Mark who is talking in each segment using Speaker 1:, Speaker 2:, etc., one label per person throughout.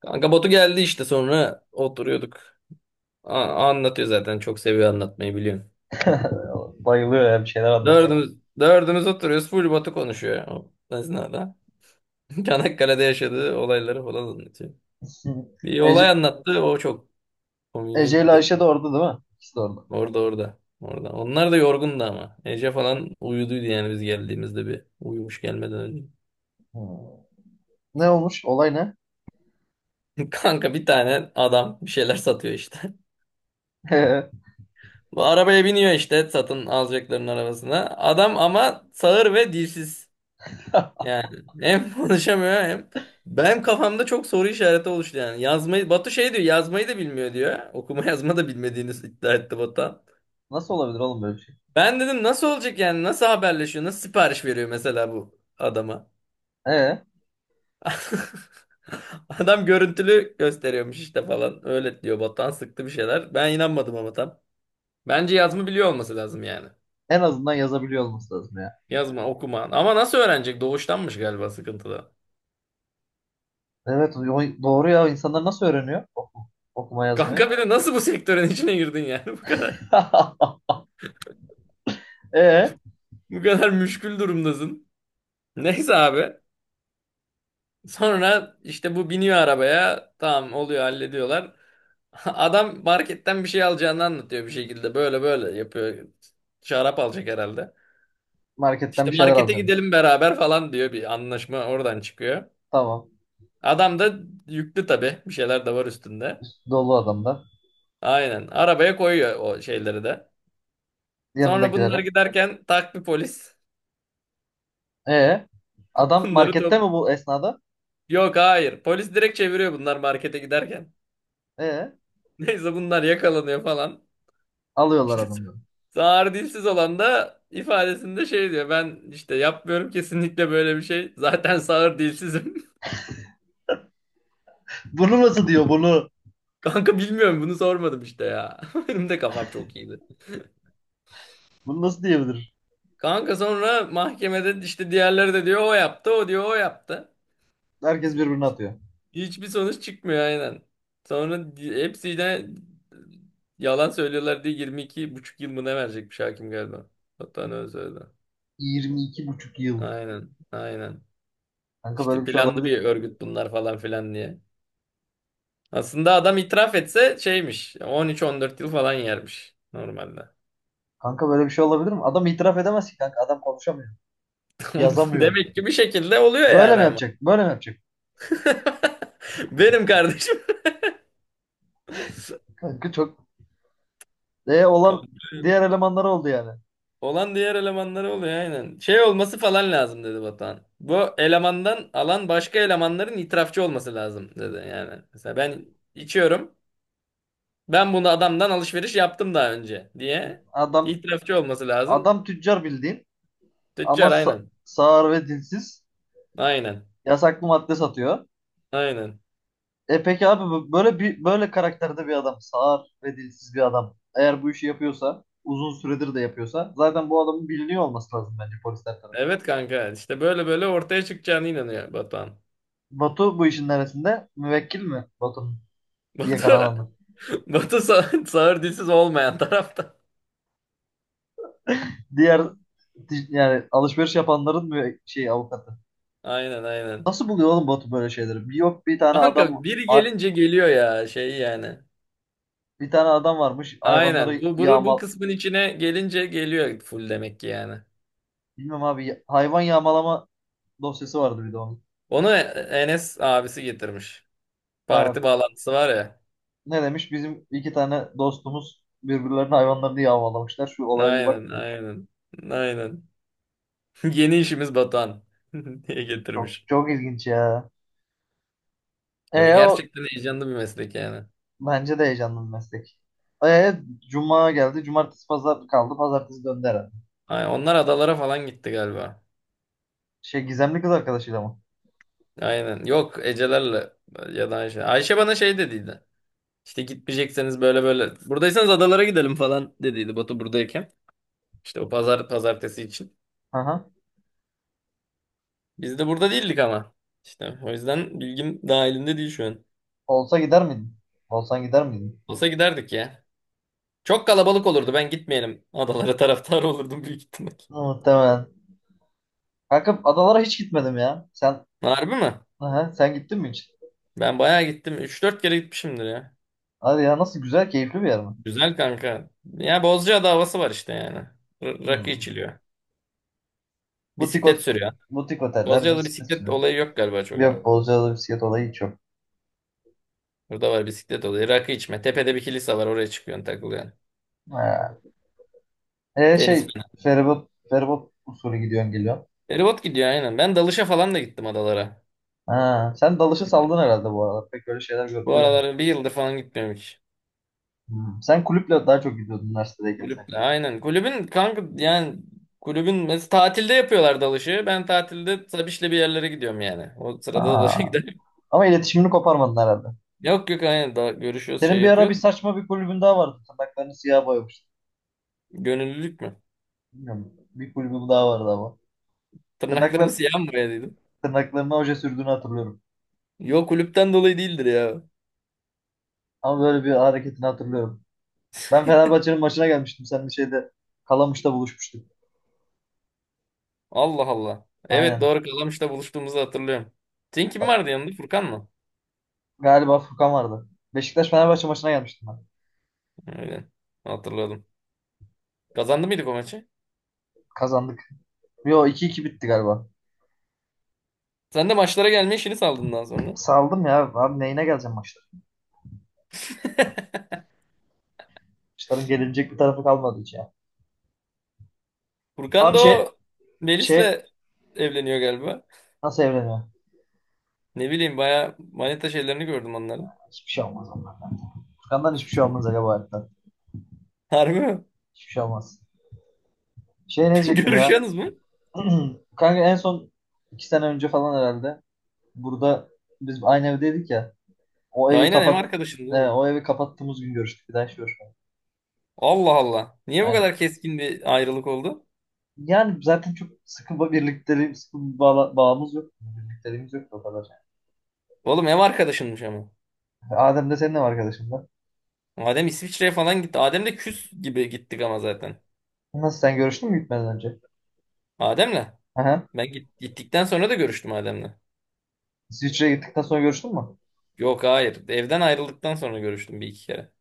Speaker 1: Kanka Batu geldi işte sonra oturuyorduk. Anlatıyor zaten, çok seviyor anlatmayı biliyorsun.
Speaker 2: Bayılıyor ya bir şeyler anlatacak.
Speaker 1: Dördümüz, dördümüz oturuyoruz, full Batu konuşuyor o esnada. Çanakkale'de yaşadığı olayları falan anlatıyor. Bir olay
Speaker 2: Ece,
Speaker 1: anlattı, o çok komiğime
Speaker 2: Ece ile
Speaker 1: gitti.
Speaker 2: Ayşe de orada değil mi? İkisi de orada.
Speaker 1: Orada, orada. Orada. Onlar da yorgundu ama. Ece falan uyuduydu yani, biz geldiğimizde bir uyumuş gelmeden önce.
Speaker 2: Hmm. Ne olmuş? Olay ne?
Speaker 1: Kanka, bir tane adam bir şeyler satıyor işte. Bu arabaya biniyor işte, satın alacakların arabasına. Adam ama sağır ve dilsiz. Yani hem konuşamıyor hem benim kafamda çok soru işareti oluştu yani. Yazmayı, Batu şey diyor, yazmayı da bilmiyor diyor. Okuma yazma da bilmediğini iddia etti Batuhan.
Speaker 2: Nasıl olabilir oğlum böyle bir şey?
Speaker 1: Ben dedim nasıl olacak yani, nasıl haberleşiyor, nasıl sipariş veriyor mesela bu adama.
Speaker 2: Ee,
Speaker 1: Adam görüntülü gösteriyormuş işte falan, öyle diyor Batuhan, sıktı bir şeyler. Ben inanmadım ama tam. Bence yazma biliyor olması lazım yani.
Speaker 2: en azından yazabiliyor olması lazım ya.
Speaker 1: Yazma okuma ama nasıl öğrenecek, doğuştanmış galiba sıkıntıda.
Speaker 2: Evet doğru ya insanlar nasıl öğreniyor okuma yazmayı?
Speaker 1: Kanka bir de nasıl bu sektörün içine girdin yani, bu kadar.
Speaker 2: Ee,
Speaker 1: Bu kadar müşkül durumdasın. Neyse abi. Sonra işte bu biniyor arabaya. Tamam oluyor, hallediyorlar. Adam marketten bir şey alacağını anlatıyor bir şekilde. Böyle böyle yapıyor. Şarap alacak herhalde.
Speaker 2: marketten
Speaker 1: İşte
Speaker 2: bir şeyler
Speaker 1: markete
Speaker 2: alacağım.
Speaker 1: gidelim beraber falan diyor. Bir anlaşma oradan çıkıyor.
Speaker 2: Tamam.
Speaker 1: Adam da yüklü tabii. Bir şeyler de var üstünde.
Speaker 2: Üstü dolu adamlar.
Speaker 1: Aynen. Arabaya koyuyor o şeyleri de. Sonra bunlar
Speaker 2: Yanındakilere.
Speaker 1: giderken tak, bir polis.
Speaker 2: Ee, adam
Speaker 1: Bunları
Speaker 2: markette
Speaker 1: top.
Speaker 2: mi bu esnada?
Speaker 1: Yok, hayır. Polis direkt çeviriyor, bunlar markete giderken.
Speaker 2: Ee,
Speaker 1: Neyse, bunlar yakalanıyor falan.
Speaker 2: alıyorlar
Speaker 1: İşte
Speaker 2: adamları.
Speaker 1: sağır dilsiz olan da ifadesinde şey diyor. Ben işte yapmıyorum kesinlikle böyle bir şey. Zaten sağır dilsizim.
Speaker 2: Bunu nasıl diyor bunu?
Speaker 1: Kanka bilmiyorum, bunu sormadım işte ya. Benim de kafam çok iyiydi.
Speaker 2: Bunu nasıl diyebilir?
Speaker 1: Kanka sonra mahkemede işte, diğerleri de diyor o yaptı, o diyor o yaptı.
Speaker 2: Herkes birbirine atıyor.
Speaker 1: Hiçbir sonuç çıkmıyor aynen. Hepsi de yalan söylüyorlar diye 22 buçuk yıl mı ne verecekmiş hakim galiba. Hatta ne öyle söyledi.
Speaker 2: 22,5 yıl.
Speaker 1: Aynen, aynen.
Speaker 2: Kanka böyle
Speaker 1: İşte
Speaker 2: bir şey
Speaker 1: planlı bir
Speaker 2: olabilir.
Speaker 1: örgüt bunlar falan filan diye. Aslında adam itiraf etse şeymiş. 13-14 yıl falan yermiş normalde.
Speaker 2: Kanka böyle bir şey olabilir mi? Adam itiraf edemez ki kanka. Adam konuşamıyor.
Speaker 1: Tamam.
Speaker 2: Yazamıyor.
Speaker 1: Demek ki bir şekilde oluyor
Speaker 2: Böyle
Speaker 1: yani
Speaker 2: mi
Speaker 1: ama.
Speaker 2: yapacak? Böyle mi yapacak?
Speaker 1: Benim kardeşim.
Speaker 2: Kanka çok olan
Speaker 1: Komple
Speaker 2: diğer elemanlar oldu yani.
Speaker 1: olan diğer elemanları oluyor aynen. Şey olması falan lazım dedi Batuhan. Bu elemandan alan başka elemanların itirafçı olması lazım dedi yani. Mesela ben içiyorum. Ben bunu adamdan alışveriş yaptım daha önce diye
Speaker 2: Adam
Speaker 1: itirafçı olması lazım.
Speaker 2: adam tüccar bildiğin ama
Speaker 1: Tüccar
Speaker 2: sa-
Speaker 1: aynen.
Speaker 2: sağır ve dilsiz,
Speaker 1: Aynen.
Speaker 2: yasaklı madde satıyor.
Speaker 1: Aynen.
Speaker 2: E peki abi böyle karakterde bir adam, sağır ve dilsiz bir adam. Eğer bu işi yapıyorsa, uzun süredir de yapıyorsa zaten bu adamın biliniyor olması lazım bence polisler tarafından.
Speaker 1: Evet kanka, işte böyle böyle ortaya çıkacağına inanıyor Batuhan.
Speaker 2: Batu bu işin neresinde? Müvekkil mi Batu'nun?
Speaker 1: Batu,
Speaker 2: Yakalanamadım.
Speaker 1: Sağır dilsiz olmayan tarafta.
Speaker 2: Diğer yani alışveriş yapanların şey avukatı.
Speaker 1: Aynen, aynen.
Speaker 2: Nasıl buluyor oğlum Batu böyle şeyleri? Bir, yok, bir tane
Speaker 1: Kanka
Speaker 2: adam
Speaker 1: biri gelince geliyor ya şey yani.
Speaker 2: bir tane adam varmış
Speaker 1: Aynen,
Speaker 2: hayvanları
Speaker 1: bu
Speaker 2: yağmal,
Speaker 1: kısmın içine gelince geliyor full demek ki yani.
Speaker 2: bilmem abi, hayvan yağmalama dosyası vardı bir de onun.
Speaker 1: Onu Enes abisi getirmiş.
Speaker 2: He,
Speaker 1: Parti bağlantısı var ya.
Speaker 2: ne demiş? Bizim iki tane dostumuz birbirlerinin hayvanlarını yağmalamışlar. Şu olaya bir bak
Speaker 1: Aynen,
Speaker 2: mı demiş.
Speaker 1: aynen. Aynen. Yeni işimiz Batuhan diye
Speaker 2: Çok
Speaker 1: getirmiş.
Speaker 2: çok ilginç ya. E
Speaker 1: Bakın,
Speaker 2: o
Speaker 1: gerçekten heyecanlı bir meslek yani.
Speaker 2: Bence de heyecanlı bir meslek. E, Cuma geldi. Cumartesi pazar kaldı. Pazartesi döndü herhalde.
Speaker 1: Ay, onlar adalara falan gitti galiba.
Speaker 2: Şey, gizemli kız arkadaşıyla mı?
Speaker 1: Aynen. Yok, Ecelerle ya da Ayşe. Ayşe bana şey dediydi. İşte gitmeyecekseniz böyle böyle. Buradaysanız adalara gidelim falan dediydi Batu buradayken. İşte o pazar pazartesi için.
Speaker 2: Hı hı.
Speaker 1: Biz de burada değildik ama. İşte o yüzden bilgim dahilinde değil şu an.
Speaker 2: Olsa gider miydin? Olsan gider miydin?
Speaker 1: Olsa giderdik ya. Çok kalabalık olurdu. Ben gitmeyelim. Adalara taraftar olurdum büyük ihtimal.
Speaker 2: Muhtemelen. Kanka adalara hiç gitmedim ya.
Speaker 1: Harbi mi?
Speaker 2: Aha, sen gittin mi hiç?
Speaker 1: Ben bayağı gittim. Üç dört kere gitmişimdir ya.
Speaker 2: Hadi ya nasıl güzel keyifli bir yer mi?
Speaker 1: Güzel kanka. Ya Bozcaada havası var işte yani. Rakı
Speaker 2: Hmm.
Speaker 1: içiliyor.
Speaker 2: Butik,
Speaker 1: Bisiklet
Speaker 2: ot
Speaker 1: sürüyor.
Speaker 2: butik oteller,
Speaker 1: Bozcaada
Speaker 2: bisiklet
Speaker 1: bisiklet
Speaker 2: sürü.
Speaker 1: olayı yok galiba çok
Speaker 2: Yok
Speaker 1: ama.
Speaker 2: Bozcaada bisiklet olayı hiç yok.
Speaker 1: Burada var bisiklet olayı. Rakı içme. Tepede bir kilise var. Oraya çıkıyorsun, takılıyorsun.
Speaker 2: Ha. E,
Speaker 1: Deniz
Speaker 2: şey,
Speaker 1: falan.
Speaker 2: feribot usulü gidiyorsun geliyorsun.
Speaker 1: Feribot gidiyor aynen. Ben dalışa falan da gittim adalara.
Speaker 2: Ha. Sen dalışı saldın herhalde bu aralar. Pek öyle şeyler
Speaker 1: Bu
Speaker 2: duymuyorum.
Speaker 1: aralar bir yıldır falan gitmiyorum hiç.
Speaker 2: Hmm. Sen kulüple daha çok gidiyordun üniversitedeyken
Speaker 1: Kulüple
Speaker 2: sanki.
Speaker 1: aynen. Kulübün kanka yani, kulübün mesela tatilde yapıyorlar dalışı. Ben tatilde Sabiş'le bir yerlere gidiyorum yani. O sırada dalışa
Speaker 2: Ha.
Speaker 1: gidelim.
Speaker 2: Ama iletişimini koparmadın herhalde.
Speaker 1: Yok, yok, aynen, daha görüşüyoruz,
Speaker 2: Senin
Speaker 1: şey
Speaker 2: bir ara bir
Speaker 1: yapıyoruz.
Speaker 2: saçma bir kulübün daha vardı. Tırnaklarını siyah boyamış.
Speaker 1: Gönüllülük mü?
Speaker 2: Bilmiyorum. Bir kulübüm daha vardı ama.
Speaker 1: Tırnaklarımı
Speaker 2: Tırnaklar,
Speaker 1: siyah mı boyadıydım?
Speaker 2: tırnaklarına oje sürdüğünü hatırlıyorum.
Speaker 1: Yok, kulüpten dolayı değildir ya.
Speaker 2: Ama böyle bir hareketini hatırlıyorum. Ben Fenerbahçe'nin maçına gelmiştim, sen bir şeyde Kalamış'ta buluşmuştuk.
Speaker 1: Allah Allah. Evet
Speaker 2: Aynen.
Speaker 1: doğru, Kalamış'ta buluştuğumuzu hatırlıyorum. Senin kim
Speaker 2: Bak,
Speaker 1: vardı yanında? Furkan mı?
Speaker 2: galiba Furkan vardı. Beşiktaş Fenerbahçe maçına gelmiştim ben.
Speaker 1: Öyle. Hatırladım. Kazandı mıydık o maçı?
Speaker 2: Kazandık. Yo, 2-2 bitti galiba.
Speaker 1: Sen de maçlara gelme işini saldın daha sonra.
Speaker 2: Saldım ya. Abi neyine geleceğim maçlara? Maçların gelinecek bir tarafı kalmadı hiç ya.
Speaker 1: Furkan
Speaker 2: Abi
Speaker 1: da
Speaker 2: şey,
Speaker 1: o
Speaker 2: şey
Speaker 1: Melis'le evleniyor galiba.
Speaker 2: nasıl evleniyor?
Speaker 1: Ne bileyim, baya manita şeylerini gördüm onların.
Speaker 2: Hiçbir şey olmaz onlar. Furkan'dan hiçbir şey olmaz Aga bu hayatta.
Speaker 1: Harbi mi?
Speaker 2: Hiçbir şey olmaz. Şey, ne diyecektim ya?
Speaker 1: Görüşüyorsunuz mu?
Speaker 2: Kanka en son 2 sene önce falan herhalde. Burada biz aynı evdeydik ya. O evi
Speaker 1: Aynen, ev
Speaker 2: kapat
Speaker 1: arkadaşındı
Speaker 2: e,
Speaker 1: oğlum.
Speaker 2: o evi kapattığımız gün görüştük. Bir daha hiç görüşmedik.
Speaker 1: Allah Allah. Niye bu
Speaker 2: Aynen.
Speaker 1: kadar keskin bir ayrılık oldu?
Speaker 2: Yani zaten çok sıkı bir birlikteliğim, sıkı bir bağımız yok. Birlikteliğimiz yok da o kadar.
Speaker 1: Oğlum ev arkadaşınmış ama.
Speaker 2: Adem de senin ev arkadaşın da.
Speaker 1: Adem İsviçre'ye falan gitti. Adem de küs gibi gittik ama zaten.
Speaker 2: Nasıl, sen görüştün mü gitmeden önce?
Speaker 1: Adem'le.
Speaker 2: Aha.
Speaker 1: Gittikten sonra da görüştüm Adem'le.
Speaker 2: İsviçre'ye gittikten sonra görüştün mü?
Speaker 1: Yok, hayır. Evden ayrıldıktan sonra görüştüm bir iki kere.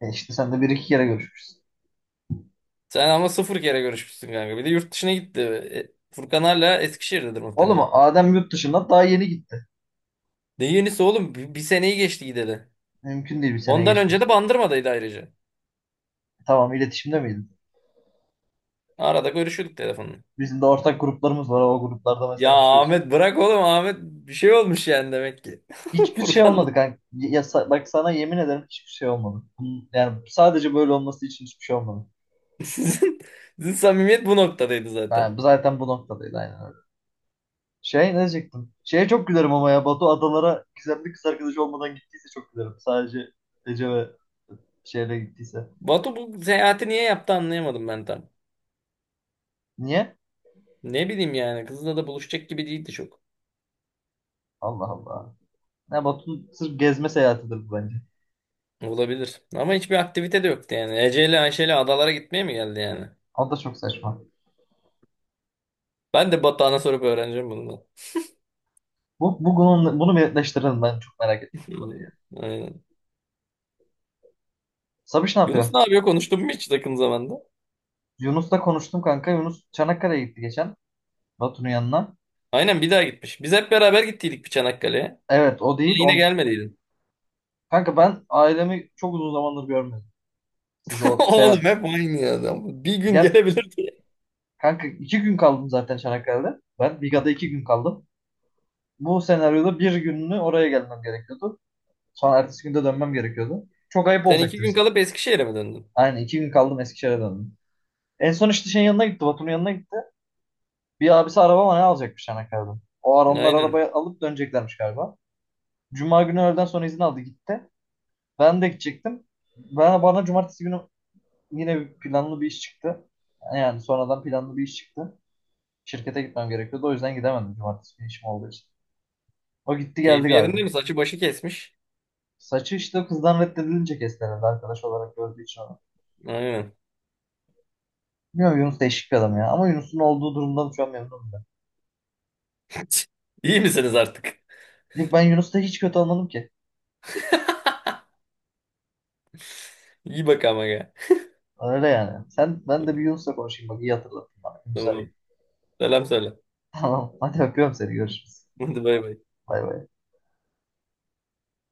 Speaker 2: E işte sen de bir iki kere görüşmüşsün.
Speaker 1: Sen ama sıfır kere görüşmüşsün kanka. Bir de yurt dışına gitti. E, Furkan hala Eskişehir'dedir
Speaker 2: Oğlum
Speaker 1: muhtemelen.
Speaker 2: Adem yurt dışında daha yeni gitti.
Speaker 1: Ne yenisi oğlum? Bir seneyi geçti gideli.
Speaker 2: Mümkün değil bir seneye
Speaker 1: Ondan önce
Speaker 2: geçmesi.
Speaker 1: de Bandırma'daydı ayrıca.
Speaker 2: Tamam, iletişimde miydin?
Speaker 1: Arada görüşüyorduk telefonla.
Speaker 2: Bizim de ortak gruplarımız var. O gruplarda
Speaker 1: Ya
Speaker 2: mesajlaşıyoruz.
Speaker 1: Ahmet bırak oğlum, Ahmet bir şey olmuş yani demek ki.
Speaker 2: Hiçbir şey
Speaker 1: Furkan'la
Speaker 2: olmadı kanka. Ya, bak sana yemin ederim hiçbir şey olmadı. Yani sadece böyle olması için hiçbir şey olmadı.
Speaker 1: sizin, sizin samimiyet bu noktadaydı zaten.
Speaker 2: Yani bu zaten bu noktadaydı aynen öyle. Şey, ne diyecektim? Şeye çok gülerim ama ya Batu adalara gizemli kız arkadaşı olmadan gittiyse çok gülerim. Sadece Ece ve şeyle gittiyse.
Speaker 1: Batu bu seyahati niye yaptı anlayamadım ben tam.
Speaker 2: Niye?
Speaker 1: Ne bileyim yani, kızla da buluşacak gibi değildi çok.
Speaker 2: Allah Allah. Ya Batu'nun sırf gezme seyahatidir bu bence.
Speaker 1: Olabilir. Ama hiçbir aktivite de yoktu yani. Ece ile Ayşe ile adalara gitmeye mi geldi yani?
Speaker 2: O da çok saçma.
Speaker 1: Ben de Batuhan'a sorup öğreneceğim bunu da.
Speaker 2: Bunu bir netleştirelim, ben çok merak ettim bu konuyu ya.
Speaker 1: Aynen.
Speaker 2: Sabiş ne
Speaker 1: Yunus
Speaker 2: yapıyor?
Speaker 1: ne yapıyor? Konuştun mu hiç yakın zamanda?
Speaker 2: Yunus'la konuştum kanka. Yunus Çanakkale'ye gitti geçen. Batu'nun yanına.
Speaker 1: Aynen, bir daha gitmiş. Biz hep beraber gittiydik bir Çanakkale'ye.
Speaker 2: Evet o değil.
Speaker 1: Sen yine
Speaker 2: On...
Speaker 1: gelmediydin.
Speaker 2: Kanka ben ailemi çok uzun zamandır görmedim. Siz o
Speaker 1: Oğlum
Speaker 2: seyahat...
Speaker 1: hep aynı adam. Bir gün
Speaker 2: Gel.
Speaker 1: gelebilirdi.
Speaker 2: Kanka 2 gün kaldım zaten Çanakkale'de. Ben Biga'da 2 gün kaldım. Bu senaryoda bir gününü oraya gelmem gerekiyordu. Sonra ertesi günde dönmem gerekiyordu. Çok ayıp
Speaker 1: Sen iki
Speaker 2: olacaktı
Speaker 1: gün
Speaker 2: bizim.
Speaker 1: kalıp Eskişehir'e mi döndün?
Speaker 2: Aynen, 2 gün kaldım Eskişehir'e döndüm. En son işte şeyin yanına gitti. Batu'nun yanına gitti. Bir abisi araba mı ne alacakmış Çanakkale'den. O ara onlar
Speaker 1: Aynen.
Speaker 2: arabayı alıp döneceklermiş galiba. Cuma günü öğleden sonra izin aldı gitti. Ben de gidecektim. Bana cumartesi günü yine bir planlı bir iş çıktı. Yani sonradan planlı bir iş çıktı. Şirkete gitmem gerekiyordu. O yüzden gidemedim cumartesi günü işim olduğu için. O gitti geldi
Speaker 1: Keyfi yerinde
Speaker 2: galiba.
Speaker 1: mi? Saçı başı kesmiş.
Speaker 2: Saçı işte kızdan reddedilince kesti herhalde arkadaş olarak gördüğü için onu.
Speaker 1: Aynen.
Speaker 2: Bilmiyorum Yunus değişik bir adam ya. Ama Yunus'un olduğu durumdan şu an memnunum ben.
Speaker 1: İyi misiniz artık?
Speaker 2: Yok, ben Yunus'ta hiç kötü olmadım ki.
Speaker 1: İyi bak ama ya.
Speaker 2: Öyle yani. Ben de bir Yunus'la konuşayım, bak iyi hatırlattın bana. Yunus arayayım.
Speaker 1: Tamam. Selam söyle.
Speaker 2: Tamam, hadi öpüyorum seni, görüşürüz.
Speaker 1: Hadi, bay bay.
Speaker 2: Bay bay.